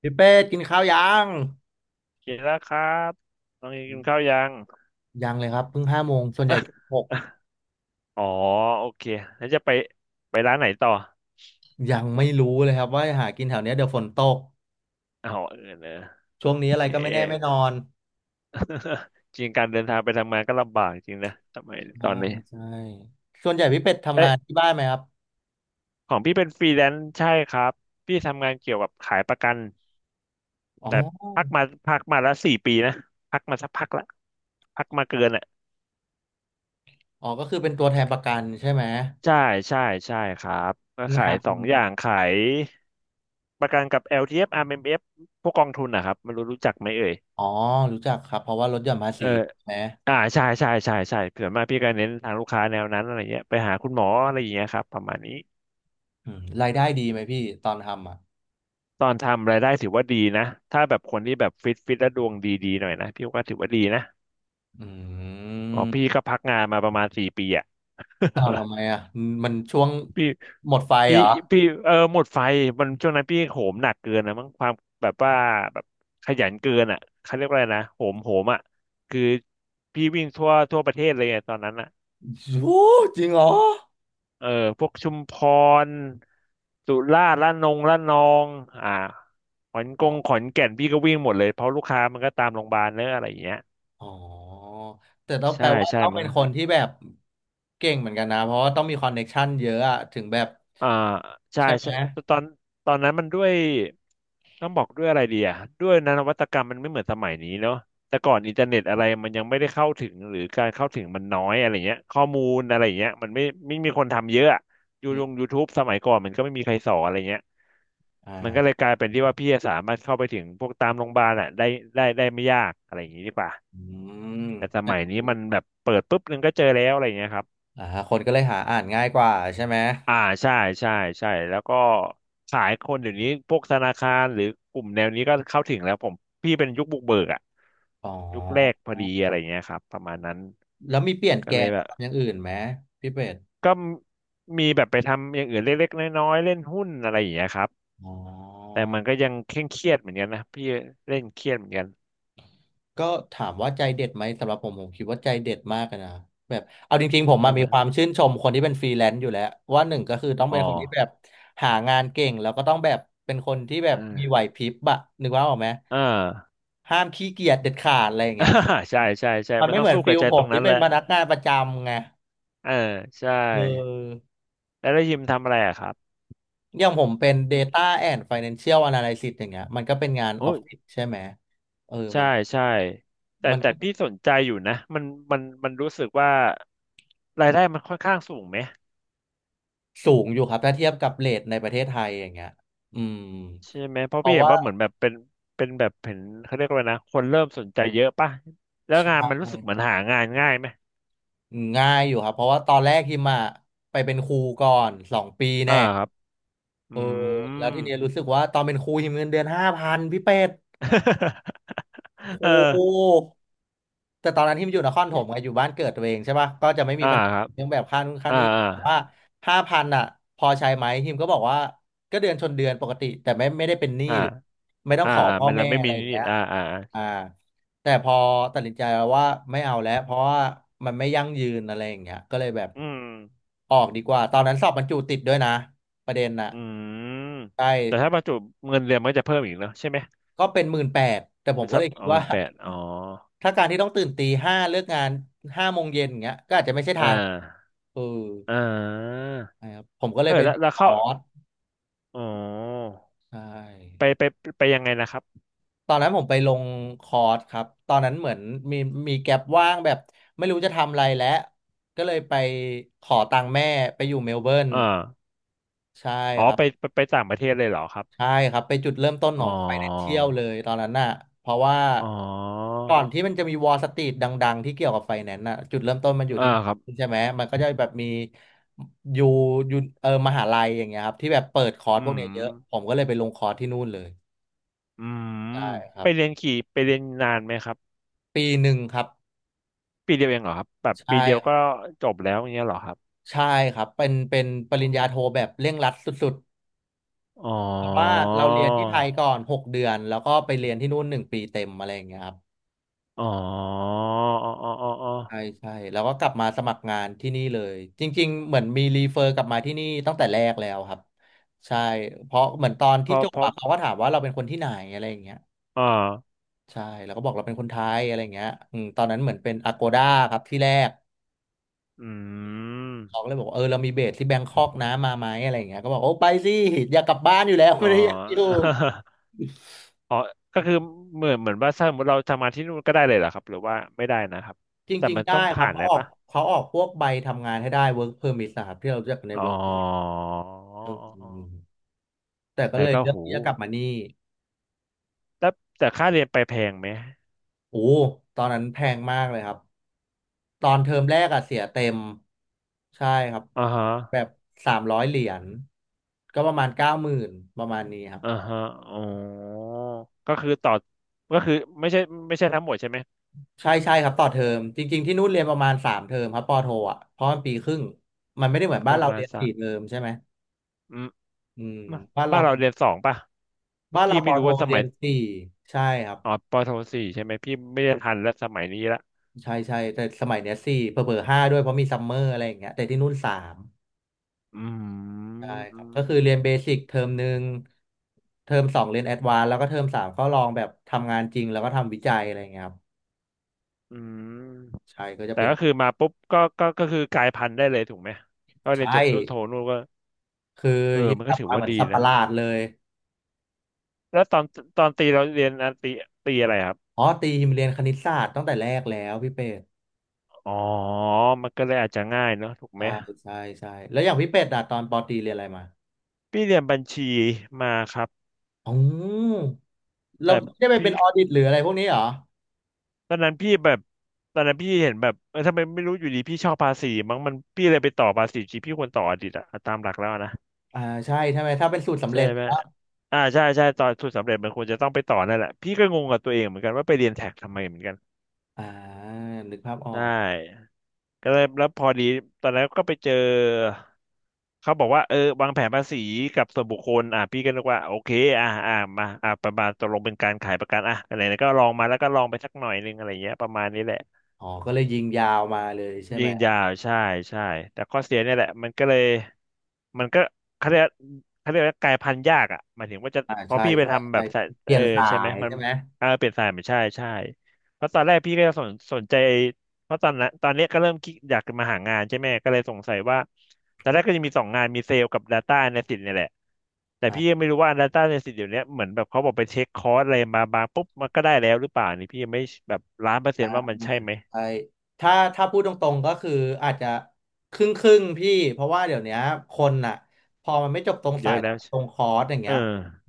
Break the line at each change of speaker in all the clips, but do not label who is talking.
พี่เป็ดกินข้าวยัง
กินแล้วครับน้องเอกินข้าวยัง
ยังเลยครับเพิ่งห้าโมงส่วนใหญ่หก
อ๋อ โอเคแล้วจะไปไปร้านไหนต่อ
ยังไม่รู้เลยครับว่าหากินแถวเนี้ยเดี๋ยวฝนตก
อ๋อเออเนอะ
ช่วงนี้
โอ
อะไร
เค
ก็ไม่แน่ไม่นอน
จริงการเดินทางไปทำงานก็ลำบากจริงนะทำไมยต
ใช่
อนนี้
ใช่ส่วนใหญ่พี่เป็ดทำงา
เอ๊ะ
นที่บ้านไหมครับ
ของพี่เป็นฟรีแลนซ์ใช่ครับ พี่ทำงานเกี่ยวกับขายประกัน
อ๋อ
แต่พักมาแล้วสี่ปีนะ พักมาสักพักละพักมาเกิน
อ๋อก็คือเป็นตัวแทนประกันใช่ไหม
ใช่ใช่ใช่ครับก็ขา
งา
ย
น
สองอย่างขายประกันกับ LTF RMF พวกกองทุนนะครับไม่รู้รู้จักไหมเอ่ย
อ๋อรู้จักครับเพราะว่าลดหย่อนภา
เอ
ษี
อ
ใช่ไหม
ใช่ใช่ใช่ใช่ส่วนมากพี่ก็เน้นทางลูกค้าแนวนั้นอะไรเงี้ยไปหาคุณหมออะไรอย่างเงี้ยครับประมาณนี้
รายได้ดีไหมพี่ตอนทำอ่ะ
ตอนทำรายได้ถือว่าดีนะถ้าแบบคนที่แบบฟิตฟิตและดวงดีๆหน่อยนะพี่ก็ถือว่าดีนะ
อื
อ๋อ
ม
พี่ก็พักงานมาประมาณสี่ปีอะ
อ้าวทำไม อ่ะมันช่วง
พี
หมดไฟ
พี
เหรอ
พีเออหมดไฟมันช่วงนั้นพี่โหมหนักเกินนะมั้งความแบบว่าแบบขยันเกินอ่ะเขาเรียกว่าอะไรนะโหมอ่ะคือพี่วิ่งทั่วประเทศเลยไงตอนนั้นอ่ะ
โอ้จริงเหรอ
เออพวกชุมพรสุราษฎร์ระนองอ่า
อ๋อ
ขอนแก่นพี่ก็วิ่งหมดเลยเพราะลูกค้ามันก็ตามโรงพยาบาลเนอะอะไรอย่างเงี้ย
อ๋อ แต่ต้องแป
ใช่
ลว่า
ใช่
ต้อง
มั
เป็นคน
น
ที่แบบเก่งเหมือนกันนะ เพราะว่าต้องมีคอนเน็กชันเยอะอะถึงแบบ
อ่าใช่
ใช่ไหม
ใช่ตอนตอนนั้นมันด้วยต้องบอกด้วยอะไรดีอ่ะด้วยนะนวัตกรรมมันไม่เหมือนสมัยนี้เนาะแต่ก่อนอินเทอร์เน็ตอะไรมันยังไม่ได้เข้าถึงหรือการเข้าถึงมันน้อยอะไรเงี้ยข้อมูลอะไรเงี้ยมันไม่มีคนทำเยอะอะยู
อื
ลง
ม
ยูทูบสมัยก่อนมันก็ไม่มีใครสอนอะไรเงี้ยมันก็เลย
อ่า
กลายเป็นที่ว่าพี่สามารถเข้าไปถึงพวกตามโรงพยาบาลอ่ะได้ได้ไม่ยากอะไรอย่างงี้ดีกว่า
อืม
แต่ส
แล้ว
มัย
แบบ
นี้
นี้
มันแบบเปิดปุ๊บนึงก็เจอแล้วอะไรเงี้ยครับ
อ่าคนก็เลยหาอ่านง่ายกว่าใช่ไหม
อ่าใช่ใช่ใช่แล้วก็ขายคนเดี๋ยวนี้พวกธนาคารหรือกลุ่มแนวนี้ก็เข้าถึงแล้วผมพี่เป็นยุคบุกเบิกอะ
อ๋
ยุคแรก
อ
พอดีอะไรเงี้ยครับประมาณนั้น
แล้วมีเปลี่ยน
ก็
แก
เล
น
ยแบ
มา
บ
ทำอย่างอื่นไหมพี่เป็ด
ก็มีแบบไปทำอย่างอื่นเล็กๆน้อยๆเล่นหุ้นอะไรอย่างเงี้ยครับ
อ๋
แต่
อ
มันก็ยังเคร่งเครียดเหมือนกันนะพี่เล่นเครียดเหมือนกัน
ก็ถามว่าใจเด็ดไหมสำหรับผมผมคิดว่าใจเด็ดมากอะนะแบบเอาจริงๆผม
ได้
มา
ไห
มี
ม
ความชื่นชมคนที่เป็นฟรีแลนซ์อยู่แล้วว่าหนึ่งก็คือต้อง
อ๋อ
เป็นคนที่แบบหางานเก่งแล้วก็ต้องแบบเป็นคนที่แบบมีไห
เออ
วพริบอะนึกว่าออกไหม
เออ
ห้ามขี้เกียจเด็ดขาดอะไรอย่างเงี้ย
ใช่ใช่ใช่
มัน
มัน
ไม่
ต้อ
เห
ง
มือน
สู้กั
ฟิ
บ
ล
ใจ
ผ
ตร
ม
ง
ที่
นั้น
เป็
แห
น
ละ
พนักงานประจำไง
เออใช่
เออ
แล้วได้ยิมทำอะไรอะครับ
อย่างผมเป็น
อื
Data
ม
and Financial Analysis อย่างเงี้ยมันก็เป็นงาน
โอ้
ออฟ
ย
ฟิศใช่ไหมเออ
ใช่
มัน
ใช่แต่
มัน
แต่
ก็
พี่สนใจอยู่นะมันมันรู้สึกว่ารายได้มันค่อนข้างสูงไหม
สูงอยู่ครับถ้าเทียบกับเรทในประเทศไทยอย่างเงี้ยอืม
ใช่ไหมเพ
เพ
ราะพี่
ราะ
เห็น
ว่า
ว่าเหมือนแบบเป็นเป็นแบบเห็นเขาเรียกว่าอะไรนะคนเริ่มสนใจเยอะป่ะแล้ว
ใช
งานมันรู้สึกเหมือ
่
นหางานง่ายไหม
ง่ายอยู่ครับเพราะว่าตอนแรกฮิมอะไปเป็นครูก่อน2 ปี
อ่า
แน่
ครับอื
เออแล้วทีเนี้ย
ม
รู้สึกว่าตอนเป็นครูฮิมเงินเดือนห้าพันพี่เป็ด
เออ
โอ้โห แต่ตอนนั้นที่มันอยู่นครปฐมไงอยู่บ้านเกิดตัวเองใช่ปะก็จะไม่มี
อ่า
ปัญหา
ครับ
เรื่องแบบค่านู่นค่า
อ่า
นี่
อ่า
แต่ว่าห้าพันอ่ะพอใช้ไหมทีมก็บอกว่าก็เดือนชนเดือนปกติแต่ไม่ได้เป็นหนี้
อ่า
หรือไม่ต้อง
อ่า
ขอ
อ่า
พ่อ
มันเรา
แม่
ไม่
อะ
มี
ไรอย่าง
นิ
เงี้
ด
ย
ๆอ่าอ่าอ่า
อ่าแต่พอตัดสินใจวว่าไม่เอาแล้วเพราะว่ามันไม่ยั่งยืนอะไรอย่างเงี้ยก็เลยแบบ
อืม
ออกดีกว่าตอนนั้นสอบบรรจุติดด้วยนะประเด็นน่ะ
อืม
ใช่
แต่ถ้าประจุเงินเดือนมันก็จะเพิ่มอีกเนอะใช่ไหม
ก็เป็น18,000แต่ผ
เป็
ม
น
ก็
สั
เล
บ
ยคิด
เอา
ว่า
เงินแปดอ๋อ
ถ้าการที่ต้องตื่นตีห้าเลิกงานห้าโมงเย็นอย่างเงี้ยก็อาจจะไม่ใช่
อ่
ทาง
า
เออ
อ่า
นะครับผมก็เล
เอ
ย
อ
ไป
แล้
ล
ว
ง
แล้ว
ค
เข้า
อร์ส
อ๋อ
ใช
ไป
่
ไปไปยังไงนะครับ
ตอนนั้นผมไปลงคอร์สครับตอนนั้นเหมือนมีมีแก็ปว่างแบบไม่รู้จะทำอะไรแล้วก็เลยไปขอตังค์แม่ไปอยู่เมลเบิร์น
อ่า
ใช่
อ๋อ
ครับ
ไปต่างประเทศเลยเหรอครับ
ใช่ครับไปจุดเริ่มต้นข
อ๋อ
อง Financial เลยตอนนั้นน่ะเพราะว่า
อ๋อ
ก่อนที่มันจะมีวอล s ต r ี e ดังๆที่เกี่ยวกับไฟแนนซ์น่ะจุดเริ่มต้นมันอยู่
อ่า
ที่
ครับ
ใช่ไหมมันก็จะแบบมีอยู่อยู่มหาลัยอย่างเงี้ยครับที่แบบเปิดคอร์ส
อื
พวกเนี้
ม
ยเยอะผมก็เลยไปลงคอร์สที่นู่นเลย
อืม
ใช่ครั
ไป
บ
เรียนขี่ไปเรียนนานไหมครับ
1 ปีครับ
ปีเดียวเองเหรอครับแบบ
ใช่
ปีเดียว
ครั
ก็
บ
จบแล้วอย่างเงี้ยเหรอครับ
ใช่ครับเป็นป
อ๋
ริ
อ
ญญาโทแบบเร่งรัดสุด
อ๋อ
ๆเพราะว่าเราเรียนที่ไทยก่อน6 เดือนแล้วก็ไปเรียนที่นู่น1 ปีเต็มอะไรอย่างเงี้ยครับ
อ๋ออ๋ออ๋ออ๋อ
ใช่ใช่แล้วก็กลับมาสมัครงานที่นี่เลยจริงๆเหมือนมีรีเฟอร์กลับมาที่นี่ตั้งแต่แรกแล้วครับใช่เพราะเหมือนตอน
เพ
ที่
อ
จบ
พอ
อะเขาก็ถามว่าเราเป็นคนที่ไหนอะไรอย่างเงี้ย
อ่า
ใช่แล้วก็บอกเราเป็นคนไทยอะไรอย่างเงี้ยตอนนั้นเหมือนเป็นอ g โกด้าครับที่แรก
อื
เขาก็
ม
เลยบอกว่าเออเรามีเบสที่แบงคอกนะมาไหมอะไรอย่างเงี้ยก็บอกโอ้ไปสิอยากกลับบ้านอยู่แล้ว
อ๋อ
ไม่ได้อยากอยู่
อ๋อก็คือเหมือนเหมือนว่าถ้าสมมติเราทำงานที่นู่นก็ได้เลยเหรอครับหรือว่าไม่ได้นะครับ
จ
แต่
ริง
มัน
ๆได้
ต้อง
ครั
ผ่า
บ
นอะ
เขา
ไร
ออก
ปะ
เขาออกพวกใบทำงานให้ได้ work permit นะครับที่เราเรียกกันใน
อ๋อ
work permit อืมแต่ก็
แต่
เลย
ก็
เลือ
โห
กที่จะกลับมานี่
แต่แต่ค่าเรียนไปแพงไหม
โอ้ ตอนนั้นแพงมากเลยครับ ตอนเทอมแรกอะเสียเต็มใช่ครับ
อ่าฮะ
แบบ300 เหรียญก็ประมาณ90,000ประมาณนี้ครับ
อ่าฮะอ๋อก็คือต่อก็คือไม่ใช่ไม่ใช่ทั้งหมดใช่ไหม
ใช่ใช่ครับต่อเทอม จริงๆที่นู่นเรียนประมาณ3 เทอมครับปอโทอ่ะ เพราะมันปีครึ่งมันไม่ได้เหมือน
ก็
บ้าน
ประ
เรา
มา
เรี
ณ
ยน
สั
สี่
ก
เทอมใช่ไหม
อืม
อืมบ้านเรา
บ้านเราเรียนสองป่ะคือ
บ้านเรา
พี่
ป
ไม่
อ
รู้
โท
ว่าส
เรี
มั
ย
ย
นสี่ใช่ครับ
อ๋อปโทสี่ใช่ไหมพี่ไม่ได้ทันแล้วสมัยนี้ละ
ใช่ใช่แต่สมัยเนี้ยสี่เผลอๆห้าด้วยเพราะมีซัมเมอร์อะไรอย่างเงี้ยแต่ที่นู่นสาม
อืม
ใช่ค
อื
รับก็
ม
คือเรียนเบสิกเทอมหนึ่งเทอมสองเรียนแอดวานซ์แล้วก็เทอมสามก็ลองแบบทำงานจริงแล้วก็ทำวิจัยอะไรเงี้ยครับ
อืม
ใช่ก็จะ
แต่
เป็น
ก็คือมาปุ๊บก็คือกลายพันธุ์ได้เลยถูกไหมก็เรียน
ใช่
จบนู่นโทนู่นก็
คือ
เออ
ยิม
มัน
ก
ก็
ลับ
ถือ
มาเห
ว่า
มือน
ดี
สัตว์ป
นะ
ระหลาดเลย
แล้วตอนตีเราเรียนอันตีตีอะไรครับ
อ๋อตียิมเรียนคณิตศาสตร์ตั้งแต่แรกแล้วพี่เป็ด
อ๋อมันก็เลยอาจจะง่ายเนอะถูกไหม
ใช่ใช่ใช่แล้วอย่างพี่เป็ดอะตอนปอตรีเรียนอะไรมา
พี่เรียนบัญชีมาครับ
อ๋อเรา
แต่
ไม่ได้ไป
พี่
เป็นออดิตหรืออะไรพวกนี้เหรอ
ตอนนั้นพี่แบบตอนนั้นพี่เห็นแบบเออทำไมไม่รู้อยู่ดีพี่ชอบภาษีมั้งมันพี่เลยไปต่อภาษีจริงพี่ควรต่ออดีตอะตามหลักแล้วนะ
อ่าใช่ใช่ไหมถ้าเป็นสูตรสำ
ใช่
เร็จ
ไหมใช่ใช่ตอนทุนสำเร็จมันควรจะต้องไปต่อนั่นแหละพี่ก็งงกับตัวเองเหมือนกันว่าไปเรียนแท็กทำไมเหมือนกัน
อ่านึกภาพออ
ใช่
ก
ก็เลยแล้วพอดีตอนนั้นก็ไปเจอเขาบอกว่าวางแผนภาษีกับส่วนบุคคลอ่ะพี่ก็นึกว่าโอเคอ่ะอ่ะมาอ่ะประมาณตกลงเป็นการขายประกันอ่ะอะไรนะก็ลองมาแล้วก็ลองไปสักหน่อยนึงอะไรเงี้ยประมาณนี้แหละ
อ๋อก็เลยยิงยาวมาเลยใช่
ยิ
ไหม
งยาวใช่ใช่แต่ข้อเสียเนี่ยแหละมันก็เลยมันก็เขาเรียกเขาเรียกว่ากลายพันธุ์ยากอ่ะหมายถึงว่าจะ
อ่า
พอ
ใช่
พี่ไป
ใช่
ทำแบ
ใช่
บสาย
เปลี่
เอ
ย
อ
นสา
ใช่ไหม
ย
มัน
ใช่ไหม
เออเปลี่ยนสายไม่ใช่ใช่เพราะตอนแรกพี่ก็สนใจเพราะตอนนั้นตอนเนี้ยก็เริ่มคิดอยากจะมาหางานใช่ไหมก็เลยสงสัยว่าตอนแรกก็จะมีสองงานมีเซลล์กับ Data Analyst เนี่ยแหละแต่พี่ยั
อ่า
งไม่รู้ว่า Data Analyst เดี๋ยวเนี้ยเหมือนแบบเขาบอกไปเช็คคอร์สอะไรมาบางปุ๊บมันก็ได้แล้วหรือเปล่านี่พี่ยังไม่แบบ100%ว่ามันใช่ไหม
ใช่ถ้าพูดตรงๆก็คืออาจจะครึ่งครึ่งพี่เพราะว่าเดี๋ยวเนี้ยคนอ่ะพอมันไม่จบตรง
เย
สาย
อะ
แต่
แล้ว
ตรงคอร์สอย่าง
เอ
เงี้
อ
ย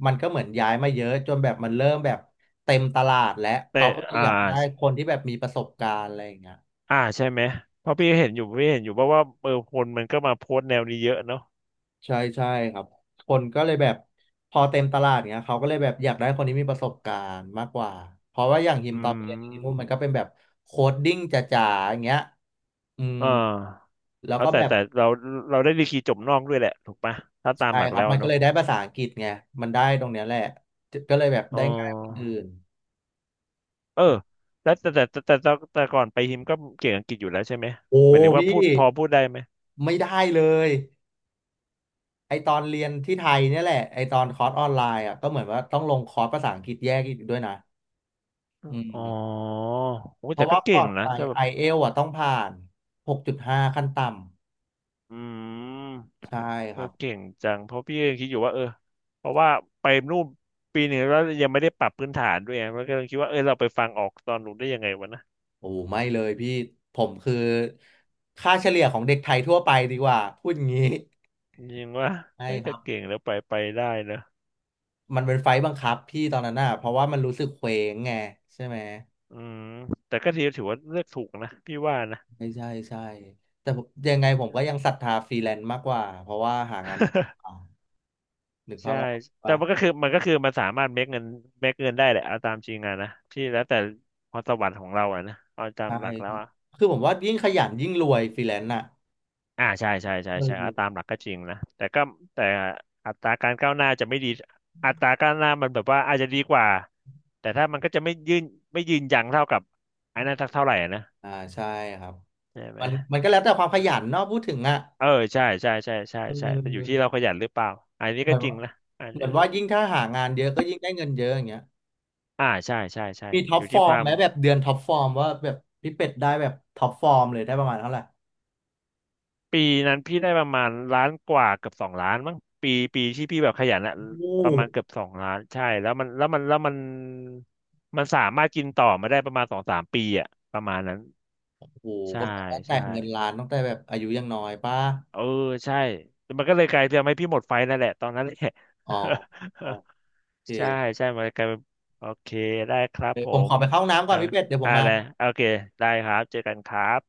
มันก็เหมือนย้ายมาเยอะจนแบบมันเริ่มแบบเต็มตลาดและ
แต่
เขาก็เลย
อ่า
อยากได้คนที่แบบมีประสบการณ์อะไรอย่างเงี้ย
อ่าใช่ไหมเพราะพี่เห็นอยู่ว่าะว่าเออคนมันก็มาโพสต์แนวนี้เยอะเนาะ
ใช่ใช่ครับคนก็เลยแบบพอเต็มตลาดเนี้ยเขาก็เลยแบบอยากได้คนที่มีประสบการณ์มากกว่าเพราะว่าอย่างฮิม
อื
ตอนไปเรียนที่นู่นมัน
ม
ก็เป็นแบบโคดดิ้งจ๋าๆอย่างเงี้ยอืม
อ่า
แล้ว
แล้ว
ก็แบบ
แต่เราเราได้ดีกรีจบนอกด้วยแหละถูกปะถ้าตาม
ใช่
หลัก
ครับ
แล้ว
มันก็
เนาะ
เลยได้ภาษาอังกฤษไงมันได้ตรงเนี้ยแหละก็เลยแบบ
อ๋อ
ได้ง่ายกว่าคนอื่น
เออแล้วแต่ก่อนไปฮิมก็เก่งอังกฤษอยู่แล้วใช่ไหม
โอ้
หมายถึงว่า
พี่
พอพูดได้ไหม
ไม่ได้เลยไอตอนเรียนที่ไทยเนี่ยแหละไอตอนคอร์สออนไลน์อ่ะก็เหมือนว่าต้องลงคอร์สภาษาอังกฤษแยกอีกด้วยนะอื
อ๋อ
ม
โอ้ย
เพ
แต่
ราะ
ก็
ว่า
เก่
ก่อ
ง
น
นะ
ไป
ถ้าแบ
ไอ
บ
เอลอ่ะต้องผ่าน 6.5 ขั้นต่
อืม
ำ ใช่
เอ
ค
อ
รับ
เก่งจังเพราะพี่ยังคิดอยู่ว่าเออเพราะว่าไปนู่นปีหนึ่งแล้วยังไม่ได้ปรับพื้นฐานด้วยไงแล้วก็เลยคิดว่าเออเราไปฟังออกตอนหนูนได้ยังไงวะนะ
โอ้ไม่เลยพี่ผมคือค่าเฉลี่ยของเด็กไทยทั่วไปดีกว่าพูดงี้
ยิงว่า
ใช่
เฮ้ย
ค
จะ
รับ
เก่งแล้วไปได้เนอะ
มันเป็นไฟล์บังคับพี่ตอนนั้นน่ะเพราะว่ามันรู้สึกเคว้งไงใช่ไหม
อืมแต่ก็ถือว่าเลือกถูกนะพี่ว่านะ
ใช่ใช่ใช่แต่ผมยังไงผมก็ยังศรัทธาฟรีแลนซ์มากกว่าเพราะว่าหางาน เอานึกภา
ใช่
พออก
แต่
ปะ
มันก็คือมันสามารถเมคเงินเมคเงินได้แหละเอาตามจริงอะนะที่แล้วแต่พรสวรรค์ของเราอะนะเอาตาม
ใช่
หลักแล้วอะ
คือผมว่ายิ่งขยันยิ่งรวยฟรีแลนซ์น่ะ
อ่าใช่ใช่ใช่
เอ
ใช่อ่ะตาม
อ
หลักก็จริงนะแต่ก็แต่อัตราการก้าวหน้าจะไม่ดีอัตราก้าวหน้ามันแบบว่าอาจจะดีกว่าแต่ถ้ามันก็จะไม่ยืนไม่ยืนยังเท่ากับไอ้นั่นสักเท่าไหร่อะนะ
อ่าใช่ครับ
ใช่ไหม
มันก็แล้วแต่ความขยันเนาะพูดถึงอ่ะ
เออใช่ใช่ใช่ใช่
เ
ใช่แต่อยู่ที่
ออ
เราขยันหรือเปล่าอันนี้
เห
ก็
มือน
จริง
ว่า
นะอัน
เหมื
นี้
อนว่ายิ่งถ้าหางานเยอะก็ยิ่งได้เงินเยอะอย่างเงี้ย
อ่าใช่ใช่ใช่
มีท็อ
อ
ป
ยู่
ฟอ
ที่ค
ร์ม
วา
ไห
ม
มแบบเดือนท็อปฟอร์มว่าแบบพี่เป็ดได้แบบท็อปฟอร์มเลยได้ประมาณเท่าไหร่
ปีนั้นพี่ได้ประมาณล้านกว่าเกือบสองล้านมั้งปีปีที่พี่แบบขยันอะ
โอ้
ประมาณเกือบสองล้านใช่แล้วมันมันสามารถกินต่อมาได้ประมาณสองสามปีอะประมาณนั้น
โห
ใช่
ก็แปลว่าแตะ
ใช่
เงินล้านตั้งแต่แบบอายุยังน้อยป้า
เออใช่มันก็เลยกลายเป็นทำให้พี่หมดไฟนั่นแหละตอนนั้นแหละ
อ๋อโอ เค
ใช่ใช่มันกลายเป็นโอเคได้ครับ
เดี๋ย
ผ
วผมข
ม
อไปเข้าห้องน้ำก่อ
เอา
นพี่เป็ดเดี๋ยวผ
อะ
มมา
ไรโอเคได้ครับเจอกันครับ